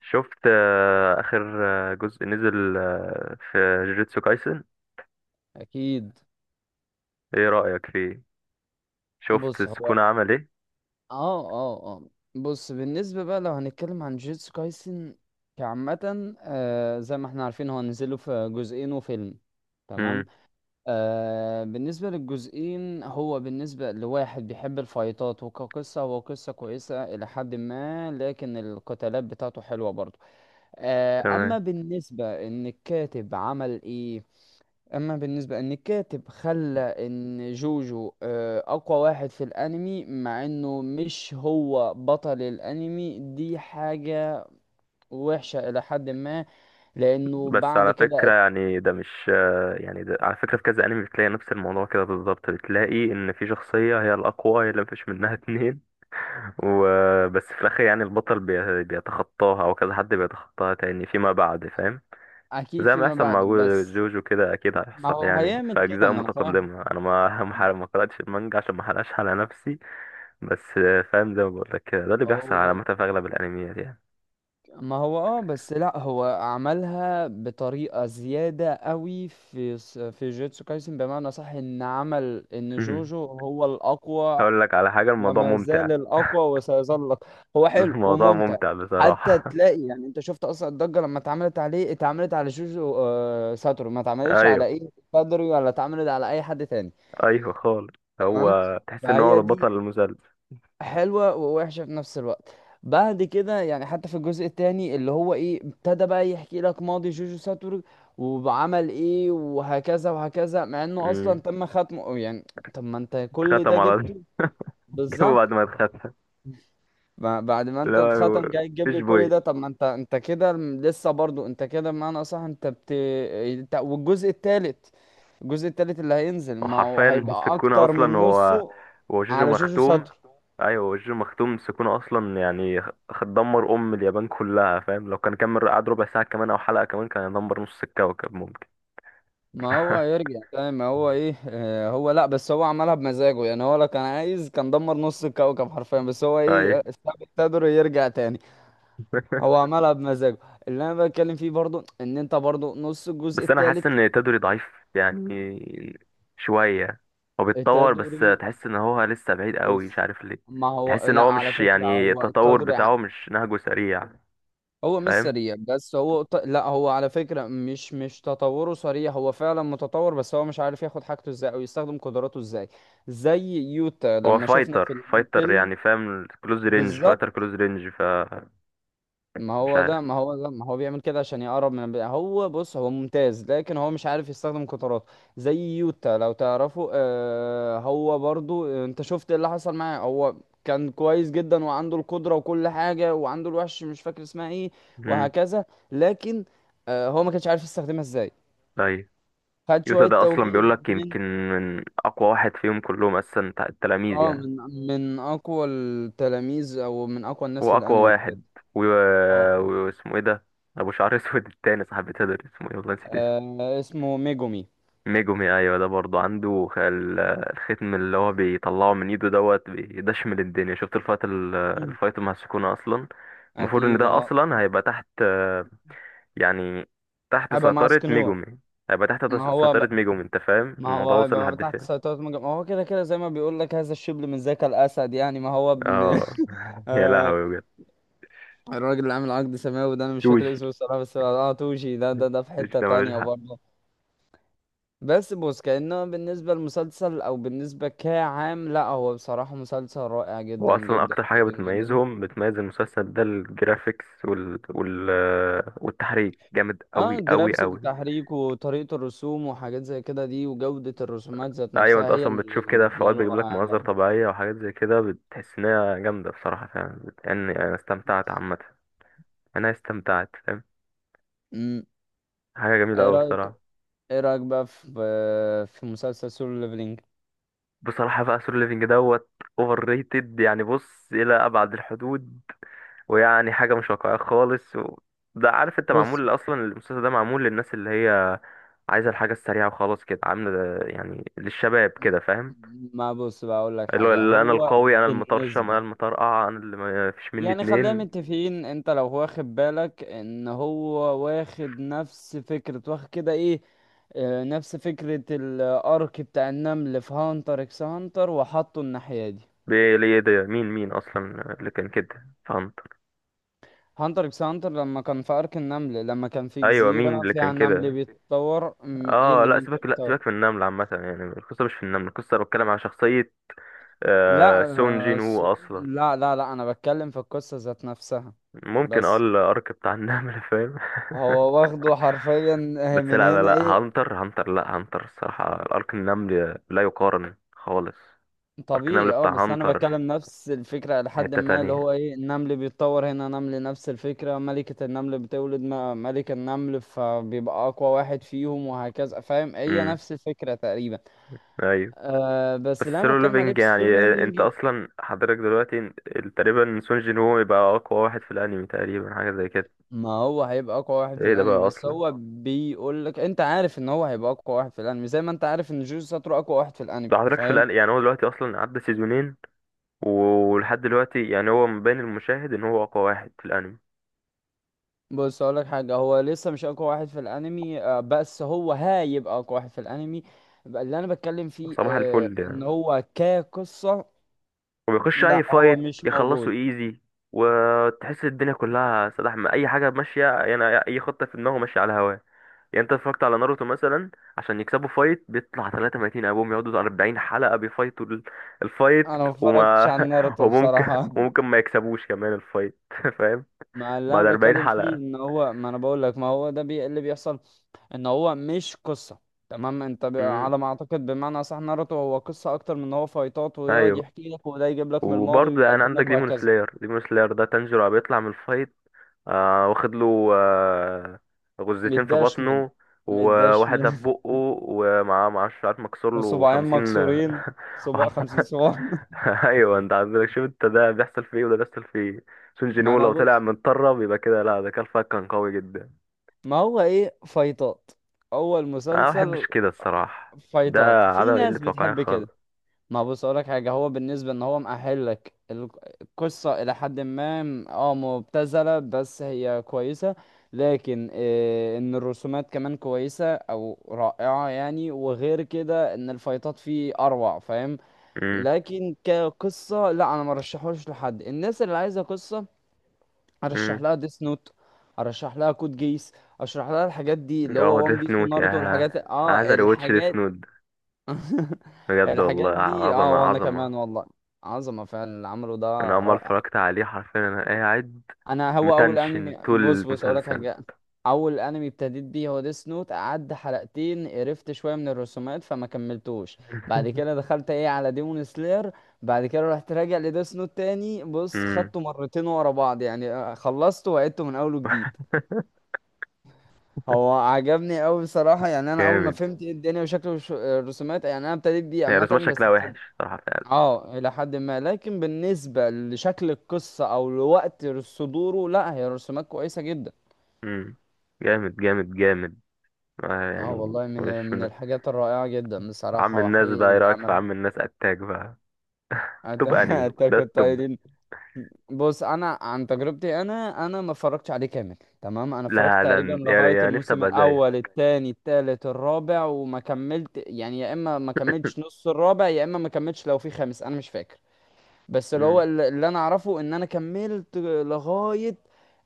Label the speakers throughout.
Speaker 1: شفت آخر جزء نزل في جوجيتسو كايسن.
Speaker 2: اكيد.
Speaker 1: ايه رأيك فيه؟ شفت
Speaker 2: بص هو
Speaker 1: سكونة عمل ايه؟
Speaker 2: اه اه اه بص بالنسبه بقى لو هنتكلم عن جيتسو كايسن كعامه، زي ما احنا عارفين هو نزله في جزئين وفيلم، تمام.
Speaker 1: امم
Speaker 2: بالنسبه للجزئين، هو بالنسبه لواحد بيحب الفايتات وكقصه هو قصه كويسه الى حد ما، لكن القتالات بتاعته حلوه برضه.
Speaker 1: تمام.
Speaker 2: اما بالنسبه ان الكاتب عمل ايه، اما بالنسبه ان الكاتب خلى ان جوجو اقوى واحد في الانمي مع انه مش هو بطل الانمي، دي حاجه وحشه الى حد ما لانه
Speaker 1: بس
Speaker 2: بعد
Speaker 1: على فكرة
Speaker 2: كده
Speaker 1: يعني ده مش يعني ده على فكرة في كذا انمي بتلاقي نفس الموضوع كده بالظبط، بتلاقي ان في شخصية هي الأقوى، هي اللي مفيش منها اتنين. وبس في الآخر يعني البطل بيتخطاها او كذا حد بيتخطاها تاني فيما بعد، فاهم؟
Speaker 2: اكيد
Speaker 1: زي ما
Speaker 2: فيما
Speaker 1: يحصل
Speaker 2: بعد.
Speaker 1: مع
Speaker 2: بس
Speaker 1: جوجو كده اكيد
Speaker 2: ما
Speaker 1: هيحصل
Speaker 2: هو
Speaker 1: يعني في
Speaker 2: هيعمل كده،
Speaker 1: اجزاء
Speaker 2: ما انا فاهم.
Speaker 1: متقدمه. انا ما ما قراتش المانجا عشان ما احرقش على نفسي. بس فاهم؟ زي ما بقول لك كده، ده اللي بيحصل
Speaker 2: هو
Speaker 1: عامه في اغلب الانميات يعني.
Speaker 2: ما هو اه بس لا هو عملها بطريقة زيادة قوي في جوتسو كايسن، بمعنى صح ان عمل ان جوجو هو الاقوى،
Speaker 1: هقول لك على حاجه، الموضوع
Speaker 2: وما
Speaker 1: ممتع.
Speaker 2: زال الأقوى، وسيظل الأقوى. هو حلو
Speaker 1: الموضوع
Speaker 2: وممتع.
Speaker 1: ممتع
Speaker 2: حتى
Speaker 1: بصراحه.
Speaker 2: تلاقي يعني انت شفت اصلا الضجه لما اتعملت عليه، اتعملت على جوجو ساتورو، ما اتعملتش على
Speaker 1: ايوه،
Speaker 2: ايه بدري، ولا اتعملت على اي حد تاني.
Speaker 1: ايوه خالص. هو
Speaker 2: تمام.
Speaker 1: تحس ان
Speaker 2: فهي
Speaker 1: هو
Speaker 2: دي
Speaker 1: بطل المسلسل.
Speaker 2: حلوه ووحشه في نفس الوقت. بعد كده يعني حتى في الجزء التاني اللي هو ايه ابتدى بقى يحكي لك ماضي جوجو ساتورو وعمل ايه وهكذا وهكذا، مع انه اصلا
Speaker 1: مم.
Speaker 2: تم ختمه يعني. طب ما انت كل ده
Speaker 1: اتختم على طول.
Speaker 2: جبته؟
Speaker 1: جابه
Speaker 2: بالظبط.
Speaker 1: بعد ما اتختم.
Speaker 2: بعد ما انت
Speaker 1: لا،
Speaker 2: اتختم جاي تجيب
Speaker 1: مفيش
Speaker 2: لي كل
Speaker 1: بوي.
Speaker 2: ده؟ طب ما انت انت كده لسه برضو انت كده، بمعنى اصح انت انت والجزء التالت. الجزء التالت اللي هينزل ما هو
Speaker 1: وحرفيا
Speaker 2: هيبقى
Speaker 1: السكونة
Speaker 2: اكتر
Speaker 1: أصلا
Speaker 2: من
Speaker 1: هو
Speaker 2: نصه
Speaker 1: هو جوجو
Speaker 2: على جوجو
Speaker 1: مختوم.
Speaker 2: ساتر.
Speaker 1: أيوة، هو جوجو مختوم، السكونة أصلا يعني دمر أم اليابان كلها، فاهم؟ لو كان كمل قعد ربع ساعة كمان أو حلقة كمان كان يدمر نص الكوكب ممكن.
Speaker 2: ما هو هيرجع تاني. ما هو ايه اه هو لا بس هو عملها بمزاجه يعني، هو لو كان عايز كان دمر نص الكوكب حرفيا، بس هو ايه،
Speaker 1: أي.
Speaker 2: ساب التدر يرجع تاني. هو عملها بمزاجه. اللي انا بتكلم فيه برضو ان انت برضو نص الجزء
Speaker 1: بس أنا حاسس
Speaker 2: التالت.
Speaker 1: إن تدري ضعيف يعني شوية. هو بيتطور بس
Speaker 2: تدري،
Speaker 1: تحس إن هو لسه بعيد قوي، مش
Speaker 2: بص،
Speaker 1: عارف ليه.
Speaker 2: ما هو
Speaker 1: تحس إن
Speaker 2: لا
Speaker 1: هو
Speaker 2: على
Speaker 1: مش،
Speaker 2: فكرة
Speaker 1: يعني
Speaker 2: هو
Speaker 1: التطور بتاعه مش نهجه سريع،
Speaker 2: هو مش
Speaker 1: فاهم؟
Speaker 2: سريع، بس هو ط- لا هو على فكرة مش تطوره سريع، هو فعلا متطور بس هو مش عارف ياخد حاجته ازاي او يستخدم قدراته ازاي. زي يوتا
Speaker 1: هو
Speaker 2: لما شفنا
Speaker 1: فايتر
Speaker 2: في
Speaker 1: فايتر
Speaker 2: الفيلم،
Speaker 1: يعني، فاهم؟ كلوز رينج
Speaker 2: بالظبط.
Speaker 1: فايتر، كلوز رينج.
Speaker 2: ما
Speaker 1: مش
Speaker 2: هو
Speaker 1: عارف.
Speaker 2: ده ما هو ده ما هو بيعمل كده عشان يقرب هو بص هو ممتاز، لكن هو مش عارف يستخدم قطاراته. زي يوتا لو تعرفه، آه هو برضو، انت شفت إيه اللي حصل معاه. هو كان كويس جدا وعنده القدرة وكل حاجة، وعنده الوحش مش فاكر اسمها ايه،
Speaker 1: امم
Speaker 2: وهكذا. لكن هو ما كانش عارف يستخدمها ازاي.
Speaker 1: طيب.
Speaker 2: خد
Speaker 1: يوتا
Speaker 2: شوية
Speaker 1: ده اصلا
Speaker 2: توجيه
Speaker 1: بيقول لك يمكن
Speaker 2: من،
Speaker 1: من اقوى واحد فيهم كلهم اصلا بتاع التلاميذ
Speaker 2: اه،
Speaker 1: يعني.
Speaker 2: من من اقوى التلاميذ او من اقوى الناس
Speaker 1: هو
Speaker 2: في
Speaker 1: اقوى
Speaker 2: الانمي بجد.
Speaker 1: واحد و...
Speaker 2: اه،
Speaker 1: واسمه ايه ده؟ ابو شعر اسود التاني، صاحب تدر، اسمه ايه والله، نسيت اسمه.
Speaker 2: اسمه ميجومي.
Speaker 1: ميجومي، ايوه ده برضه عنده الختم اللي هو بيطلعه من ايده دوت بيدشمل الدنيا. شفت الفايت
Speaker 2: مم.
Speaker 1: الفايت مع السكونة اصلا؟ المفروض ان
Speaker 2: اكيد
Speaker 1: ده
Speaker 2: اه.
Speaker 1: اصلا هيبقى تحت، يعني تحت
Speaker 2: هيبقى مع
Speaker 1: سيطرة
Speaker 2: سكنور.
Speaker 1: ميجومي. هيبقى تحت
Speaker 2: ما هو
Speaker 1: سيطرة
Speaker 2: ب...
Speaker 1: ميجومي، انت فاهم
Speaker 2: ما
Speaker 1: الموضوع
Speaker 2: هو
Speaker 1: وصل
Speaker 2: هيبقى
Speaker 1: لحد
Speaker 2: تحت
Speaker 1: فين؟
Speaker 2: سيطرة مجمع، ما هو كده كده زي ما بيقول لك هذا الشبل من ذاك الأسد يعني، ما هو ابن.
Speaker 1: اه. يا
Speaker 2: آه،
Speaker 1: لهوي بجد.
Speaker 2: الراجل اللي عامل عقد سماوي ده أنا مش فاكر
Speaker 1: توشي.
Speaker 2: اسمه الصراحة، بس اه توشي ده في
Speaker 1: توشي
Speaker 2: حتة
Speaker 1: ده ملوش
Speaker 2: تانية
Speaker 1: حق.
Speaker 2: برضه. بس بص كأنه بالنسبة للمسلسل أو بالنسبة كعام، لا هو بصراحة مسلسل رائع
Speaker 1: هو
Speaker 2: جدا
Speaker 1: اصلا
Speaker 2: جدا
Speaker 1: اكتر حاجه
Speaker 2: جدا جدا.
Speaker 1: بتميزهم، بتميز المسلسل ده الجرافيكس وال... وال... والتحريك، جامد قوي
Speaker 2: اه
Speaker 1: قوي
Speaker 2: جرافيك،
Speaker 1: قوي.
Speaker 2: تحريك، وطريقة الرسوم وحاجات زي كده، دي وجودة الرسومات ذات
Speaker 1: ايوه، انت
Speaker 2: نفسها هي
Speaker 1: اصلا
Speaker 2: اللي
Speaker 1: بتشوف كده في اوقات
Speaker 2: مدياله
Speaker 1: بيجيب لك
Speaker 2: رائع
Speaker 1: مناظر
Speaker 2: برضه.
Speaker 1: طبيعيه وحاجات زي كده، بتحس ان هي جامده بصراحه فعلا يعني انا استمتعت عامه. انا استمتعت، فاهم؟
Speaker 2: امم.
Speaker 1: حاجه جميله
Speaker 2: ايه
Speaker 1: قوي
Speaker 2: رأيك،
Speaker 1: بصراحه.
Speaker 2: ايه رأيك بقى في في مسلسل سولو ليفلينج؟
Speaker 1: بصراحة بقى سولو ليفينج دوت اوفر ريتد يعني، بص، إلى أبعد الحدود. ويعني حاجة مش واقعية خالص و... ده عارف انت،
Speaker 2: بص،
Speaker 1: معمول أصلا المسلسل ده معمول للناس اللي هي عايزة الحاجة السريعة وخلاص كده، عاملة يعني للشباب كده، فاهم؟
Speaker 2: ما بص بقى اقول لك
Speaker 1: اللي هو
Speaker 2: حاجة،
Speaker 1: اللي أنا
Speaker 2: هو
Speaker 1: القوي، أنا المطرشم، أنا
Speaker 2: بالنسبة،
Speaker 1: المطرقع، أنا اللي ما فيش مني
Speaker 2: يعني خلينا
Speaker 1: اتنين.
Speaker 2: متفقين انت لو واخد بالك ان هو واخد نفس فكرة، واخد كده ايه، نفس فكرة الارك بتاع النمل في هانتر اكس هانتر وحطه الناحية دي.
Speaker 1: ليه ده؟ مين أصلا اللي كان كده، فهمت؟
Speaker 2: هانتر اكس هانتر لما كان في ارك النمل، لما كان في
Speaker 1: أيوة مين
Speaker 2: جزيرة
Speaker 1: اللي كان
Speaker 2: فيها نمل
Speaker 1: كده؟
Speaker 2: بيتطور، م، ايه
Speaker 1: اه
Speaker 2: اللي
Speaker 1: لا،
Speaker 2: مين كان
Speaker 1: سيبك لا
Speaker 2: بيتطور.
Speaker 1: سيبك من النمل عامة يعني، القصة مش في النمل، القصة أنا بتكلم على شخصية.
Speaker 2: لا،
Speaker 1: سون
Speaker 2: آه،
Speaker 1: جين
Speaker 2: س-
Speaker 1: وو اصلا.
Speaker 2: لا انا بتكلم في القصة ذات نفسها،
Speaker 1: ممكن،
Speaker 2: بس
Speaker 1: الارك بتاع النمل، فاهم؟
Speaker 2: هو واخده حرفيا
Speaker 1: بس
Speaker 2: من
Speaker 1: لا لا
Speaker 2: هنا
Speaker 1: لا،
Speaker 2: ايه.
Speaker 1: هانتر هانتر، لا هانتر الصراحة الارك النمل لا يقارن خالص. ارك النمل
Speaker 2: طبيعي اه،
Speaker 1: بتاع
Speaker 2: بس انا
Speaker 1: هانتر
Speaker 2: بتكلم نفس الفكرة لحد
Speaker 1: حتة
Speaker 2: ما اللي هو
Speaker 1: تانية.
Speaker 2: ايه النمل بيتطور، هنا نمل نفس الفكرة، ملكة النمل بتولد ملك النمل، فبيبقى اقوى واحد فيهم وهكذا، فاهم، هي
Speaker 1: امم
Speaker 2: نفس الفكرة تقريبا.
Speaker 1: ايوه.
Speaker 2: أه
Speaker 1: بس
Speaker 2: بس اللي انا
Speaker 1: سولو
Speaker 2: بتكلم عليه
Speaker 1: ليفينج يعني،
Speaker 2: بالسولو
Speaker 1: انت
Speaker 2: ليفلنج،
Speaker 1: اصلا حضرتك دلوقتي تقريبا سون جين وو يبقى اقوى واحد في الانمي تقريبا، حاجة زي كده.
Speaker 2: ما هو هيبقى اقوى واحد في
Speaker 1: ايه ده بقى
Speaker 2: الانمي، بس
Speaker 1: اصلا؟
Speaker 2: هو بيقول لك انت عارف ان هو هيبقى اقوى واحد في الانمي، زي ما انت عارف ان جوجوتسو ساتورو اقوى واحد في الانمي،
Speaker 1: ده حضرتك في
Speaker 2: فاهم.
Speaker 1: الان يعني هو دلوقتي اصلا عدى سيزونين، ولحد دلوقتي يعني هو مبين المشاهد ان هو اقوى واحد في الانمي.
Speaker 2: بص اقول لك حاجه، هو لسه مش اقوى واحد في الانمي، بس هو هيبقى اقوى واحد في الانمي. بقى اللي انا بتكلم فيه،
Speaker 1: صباح الفل
Speaker 2: ان
Speaker 1: يعني،
Speaker 2: هو كقصه
Speaker 1: وبيخش اي
Speaker 2: لا هو
Speaker 1: فايت
Speaker 2: مش
Speaker 1: يخلصوا
Speaker 2: موجود.
Speaker 1: ايزي. وتحس الدنيا كلها سلاح، ما اي حاجه ماشيه يعني، اي خطه في دماغه ماشيه على هواه. يعني انت اتفرجت على ناروتو مثلا؟ عشان يكسبوا فايت بيطلع 33 ابوهم، يقعدوا 40 حلقه بيفايتوا الفايت.
Speaker 2: انا ما اتفرجتش
Speaker 1: وما
Speaker 2: على ناروتو
Speaker 1: وممكن
Speaker 2: بصراحه.
Speaker 1: ممكن ما يكسبوش كمان الفايت. فاهم؟
Speaker 2: ما اللي انا
Speaker 1: بعد 40
Speaker 2: بتكلم فيه ان
Speaker 1: حلقه.
Speaker 2: هو، ما انا بقول لك، ما هو ده بي... اللي بيحصل ان هو مش قصه. تمام.
Speaker 1: امم
Speaker 2: على ما اعتقد بمعنى صح ناروتو هو قصه اكتر من ان هو فايتات، ويقعد
Speaker 1: ايوه.
Speaker 2: يحكي لك وده يجيب لك من الماضي
Speaker 1: وبرضه يعني
Speaker 2: ويقدم
Speaker 1: عندك
Speaker 2: لك
Speaker 1: ديمون
Speaker 2: وهكذا.
Speaker 1: سلاير، ديمون سلاير ده تانجيرو بيطلع من الفايت، واخد له غزتين في
Speaker 2: مداش من.
Speaker 1: بطنه
Speaker 2: مداش من.
Speaker 1: وواحدة في بقه. ومعاه معاه شعر مكسور له
Speaker 2: وصباعين
Speaker 1: 50.
Speaker 2: مكسورين. صباع، خمسين صباع.
Speaker 1: ايوه انت عندك، شوف انت، ده بيحصل فيه وده بيحصل فيه. سون
Speaker 2: ما
Speaker 1: جينو
Speaker 2: انا
Speaker 1: لو طلع
Speaker 2: بص،
Speaker 1: متطرب يبقى كده، لا ده كان فاك كان قوي جدا.
Speaker 2: ما هو ايه فايتات، اول
Speaker 1: انا ما بحبش
Speaker 2: مسلسل
Speaker 1: كده الصراحة. ده
Speaker 2: فايتات،
Speaker 1: عدم
Speaker 2: في
Speaker 1: قلة
Speaker 2: ناس
Speaker 1: واقعية
Speaker 2: بتحب كده.
Speaker 1: خالص.
Speaker 2: ما بص اقولك حاجه، هو بالنسبه ان هو القصه الى حد ما، مبتذله بس هي كويسه، لكن ان الرسومات كمان كويسه او رائعه يعني، وغير كده ان الفايتات فيه اروع، فاهم.
Speaker 1: امم
Speaker 2: لكن كقصه لا، انا ما رشحوش لحد الناس اللي عايزه قصه. ارشح
Speaker 1: امم
Speaker 2: لها ديس نوت، ارشح لها كود جيس، اشرح لها الحاجات دي اللي
Speaker 1: اه،
Speaker 2: هو وان
Speaker 1: ديث
Speaker 2: بيس
Speaker 1: نوت يا.
Speaker 2: وناروتو
Speaker 1: انا
Speaker 2: والحاجات،
Speaker 1: عايز
Speaker 2: اه
Speaker 1: اريوتش ديث
Speaker 2: الحاجات.
Speaker 1: نوت. بجد والله،
Speaker 2: الحاجات دي اه،
Speaker 1: عظمة
Speaker 2: وانا
Speaker 1: عظمة.
Speaker 2: كمان والله عظمه فعلا اللي عمله ده،
Speaker 1: أنا أول ما
Speaker 2: رائع.
Speaker 1: اتفرجت عليه حرفيا أنا قاعد
Speaker 2: انا هو اول
Speaker 1: متنشن
Speaker 2: انمي
Speaker 1: طول
Speaker 2: بص بص اقول لك
Speaker 1: المسلسل.
Speaker 2: حاجه، اول انمي ابتديت بيه هو ديس نوت، قعد حلقتين قرفت شويه من الرسومات فما كملتوش. بعد كده دخلت ايه على ديمون سلاير. بعد كده رحت راجع لديس نوت تاني، بص
Speaker 1: أمم،
Speaker 2: خدته مرتين ورا بعض يعني، خلصته وعدته من اول وجديد. هو عجبني قوي بصراحه يعني، انا اول ما
Speaker 1: جامد.
Speaker 2: فهمت ايه الدنيا وشكل الرسومات يعني، انا ابتديت بيه
Speaker 1: يعني رسومات
Speaker 2: عامه بس.
Speaker 1: شكلها وحش صراحة فعلا.
Speaker 2: اه الى حد ما، لكن بالنسبه لشكل القصه او لوقت صدوره لا هي رسومات كويسه جدا.
Speaker 1: أمم، جامد جامد جامد.
Speaker 2: اه
Speaker 1: يعني
Speaker 2: والله من
Speaker 1: مش من
Speaker 2: الحاجات الرائعه جدا
Speaker 1: عم
Speaker 2: بصراحه
Speaker 1: الناس بقى،
Speaker 2: وحقيقي
Speaker 1: إيه
Speaker 2: اللي
Speaker 1: رأيك في
Speaker 2: عملها.
Speaker 1: عم الناس، أتاك بقى؟
Speaker 2: أت-
Speaker 1: توب أنمي ده
Speaker 2: اتاك
Speaker 1: التوب.
Speaker 2: التايرين. بص انا عن تجربتي، انا ما اتفرجتش عليه كامل. تمام، انا اتفرجت
Speaker 1: لا ده
Speaker 2: تقريبا
Speaker 1: يعني
Speaker 2: لغايه
Speaker 1: يعني نفسي
Speaker 2: الموسم
Speaker 1: أبقى
Speaker 2: الاول
Speaker 1: زيك.
Speaker 2: الثاني الثالث الرابع وما كملت يعني، يا اما ما كملتش نص الرابع، يا اما ما كملتش، لو في خامس انا مش فاكر. بس اللي هو
Speaker 1: أمم،
Speaker 2: اللي انا اعرفه ان انا كملت لغاية،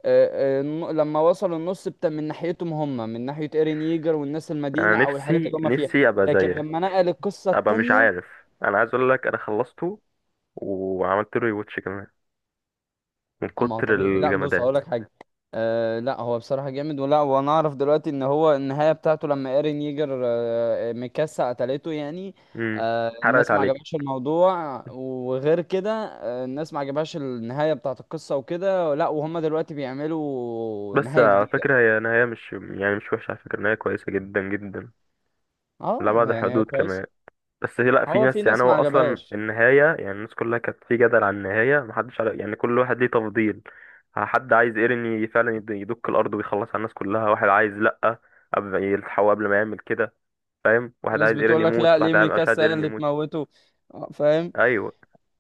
Speaker 2: لما وصلوا النص بتاع من ناحيتهم هم، من ناحية ايرين ييجر والناس
Speaker 1: أنا
Speaker 2: المدينة او الحاجات اللي
Speaker 1: نفسي
Speaker 2: هم فيها.
Speaker 1: نفسي أبقى
Speaker 2: لكن
Speaker 1: زيك،
Speaker 2: لما نقل القصة
Speaker 1: أبقى مش
Speaker 2: التانية،
Speaker 1: عارف. أنا عايز أقول لك أنا خلصته، وعملت له ريواتش كمان من
Speaker 2: اما هو
Speaker 1: كتر
Speaker 2: طبيعي. لا بص
Speaker 1: الجمدان.
Speaker 2: هقول لك حاجه، أه لا هو بصراحه جامد ولا، وانا اعرف دلوقتي ان هو النهايه بتاعته لما ايرين ييجر، أه، ميكاسا قتلته يعني.
Speaker 1: امم
Speaker 2: أه
Speaker 1: حرقت
Speaker 2: الناس ما
Speaker 1: عليك.
Speaker 2: عجبهاش الموضوع، وغير كده أه الناس ما عجبهاش النهايه بتاعه القصه وكده، لا وهم دلوقتي بيعملوا
Speaker 1: بس
Speaker 2: نهايه
Speaker 1: على
Speaker 2: جديده.
Speaker 1: فكرة هي نهاية مش، يعني مش وحشة، على فكرة نهاية كويسة جدا جدا. لا
Speaker 2: اه
Speaker 1: بعد
Speaker 2: يعني هي
Speaker 1: الحدود
Speaker 2: كويسه.
Speaker 1: كمان. بس لا، في
Speaker 2: هو في
Speaker 1: ناس يعني،
Speaker 2: ناس ما
Speaker 1: هو أصلا
Speaker 2: عجبهاش،
Speaker 1: النهاية يعني الناس كلها كانت في جدل عن النهاية، محدش عارف يعني، كل واحد ليه تفضيل. حد عايز ايرين فعلا يدك الأرض ويخلص على الناس كلها، واحد عايز لأ، قبل يلحقه قبل ما يعمل كده، فاهم؟
Speaker 2: في
Speaker 1: واحد
Speaker 2: ناس
Speaker 1: عايز ايرين
Speaker 2: بتقول لك لا
Speaker 1: يموت،
Speaker 2: ليه
Speaker 1: واحد مش عايز
Speaker 2: ميكاسا هي
Speaker 1: ايرين
Speaker 2: اللي
Speaker 1: يموت.
Speaker 2: تموته، فاهم.
Speaker 1: أيوه.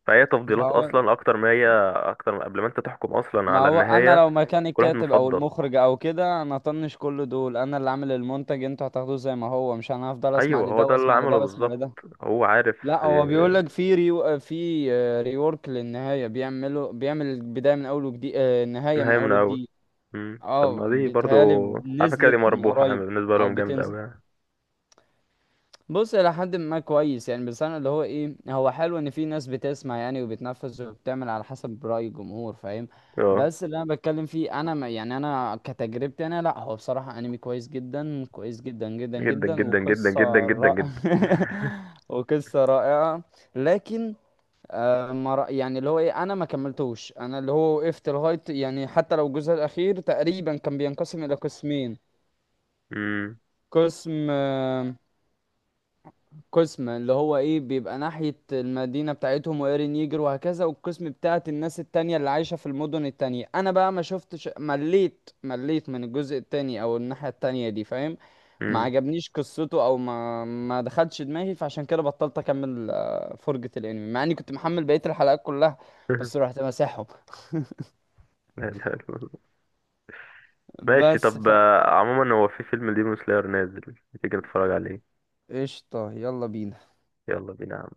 Speaker 1: فهي تفضيلات
Speaker 2: فهو،
Speaker 1: أصلا أكتر ما هي أكتر، قبل ما أنت تحكم أصلا
Speaker 2: ما
Speaker 1: على
Speaker 2: هو انا
Speaker 1: النهاية.
Speaker 2: لو مكان
Speaker 1: كل واحد
Speaker 2: الكاتب او
Speaker 1: مفضل.
Speaker 2: المخرج او كده انا طنش كل دول، انا اللي عامل المنتج انتوا هتاخدوه زي ما هو، مش انا هفضل اسمع
Speaker 1: ايوه، هو
Speaker 2: لده
Speaker 1: ده اللي
Speaker 2: واسمع
Speaker 1: عمله
Speaker 2: لده واسمع
Speaker 1: بالظبط.
Speaker 2: لده.
Speaker 1: هو عارف.
Speaker 2: لا هو بيقول
Speaker 1: آه،
Speaker 2: لك في ريورك للنهايه بيعملوا، بيعمل البدايه من اول وجديد، النهايه من
Speaker 1: نهاية من
Speaker 2: اول
Speaker 1: الاول.
Speaker 2: وجديد.
Speaker 1: مم. طب ما
Speaker 2: اه
Speaker 1: دي برضو
Speaker 2: بيتهيالي
Speaker 1: على فكرة دي
Speaker 2: نزلت من
Speaker 1: مربوحة
Speaker 2: قريب
Speaker 1: يعني، بالنسبة
Speaker 2: او
Speaker 1: لهم جامد
Speaker 2: بتنزل.
Speaker 1: أوي يعني.
Speaker 2: بص الى حد ما كويس يعني، بس انا اللي هو ايه، هو حلو ان في ناس بتسمع يعني وبتنفذ وبتعمل على حسب رأي الجمهور، فاهم.
Speaker 1: اه،
Speaker 2: بس اللي انا بتكلم فيه انا، ما يعني انا كتجربتي انا، لا هو بصراحة انمي كويس جدا كويس جدا جدا
Speaker 1: جدا
Speaker 2: جدا،
Speaker 1: جدا جدا
Speaker 2: وقصة
Speaker 1: جدا جدا
Speaker 2: رائعة
Speaker 1: جدا.
Speaker 2: وقصة رائعة. لكن آه ما رأ... يعني اللي هو ايه انا ما كملتوش، انا اللي هو وقفت لغاية يعني، حتى لو الجزء الاخير تقريبا كان بينقسم الى قسمين،
Speaker 1: مم.
Speaker 2: قسم آه، قسم اللي هو ايه بيبقى ناحية المدينة بتاعتهم وإيرين ييجر وهكذا، والقسم بتاعت الناس التانية اللي عايشة في المدن التانية انا بقى ما شفتش، مليت، مليت من الجزء التاني او الناحية التانية دي، فاهم. ما
Speaker 1: مم.
Speaker 2: عجبنيش قصته، او ما دخلش دماغي، فعشان كده بطلت اكمل فرجة الانمي مع اني كنت محمل بقية الحلقات كلها، بس رحت مسحهم.
Speaker 1: لا إله إلا الله. ماشي،
Speaker 2: بس
Speaker 1: طب
Speaker 2: ف
Speaker 1: عموما هو في فيلم ديمون سلاير نازل، تيجي نتفرج عليه؟
Speaker 2: قشطة، يلا بينا.
Speaker 1: يلا بينا.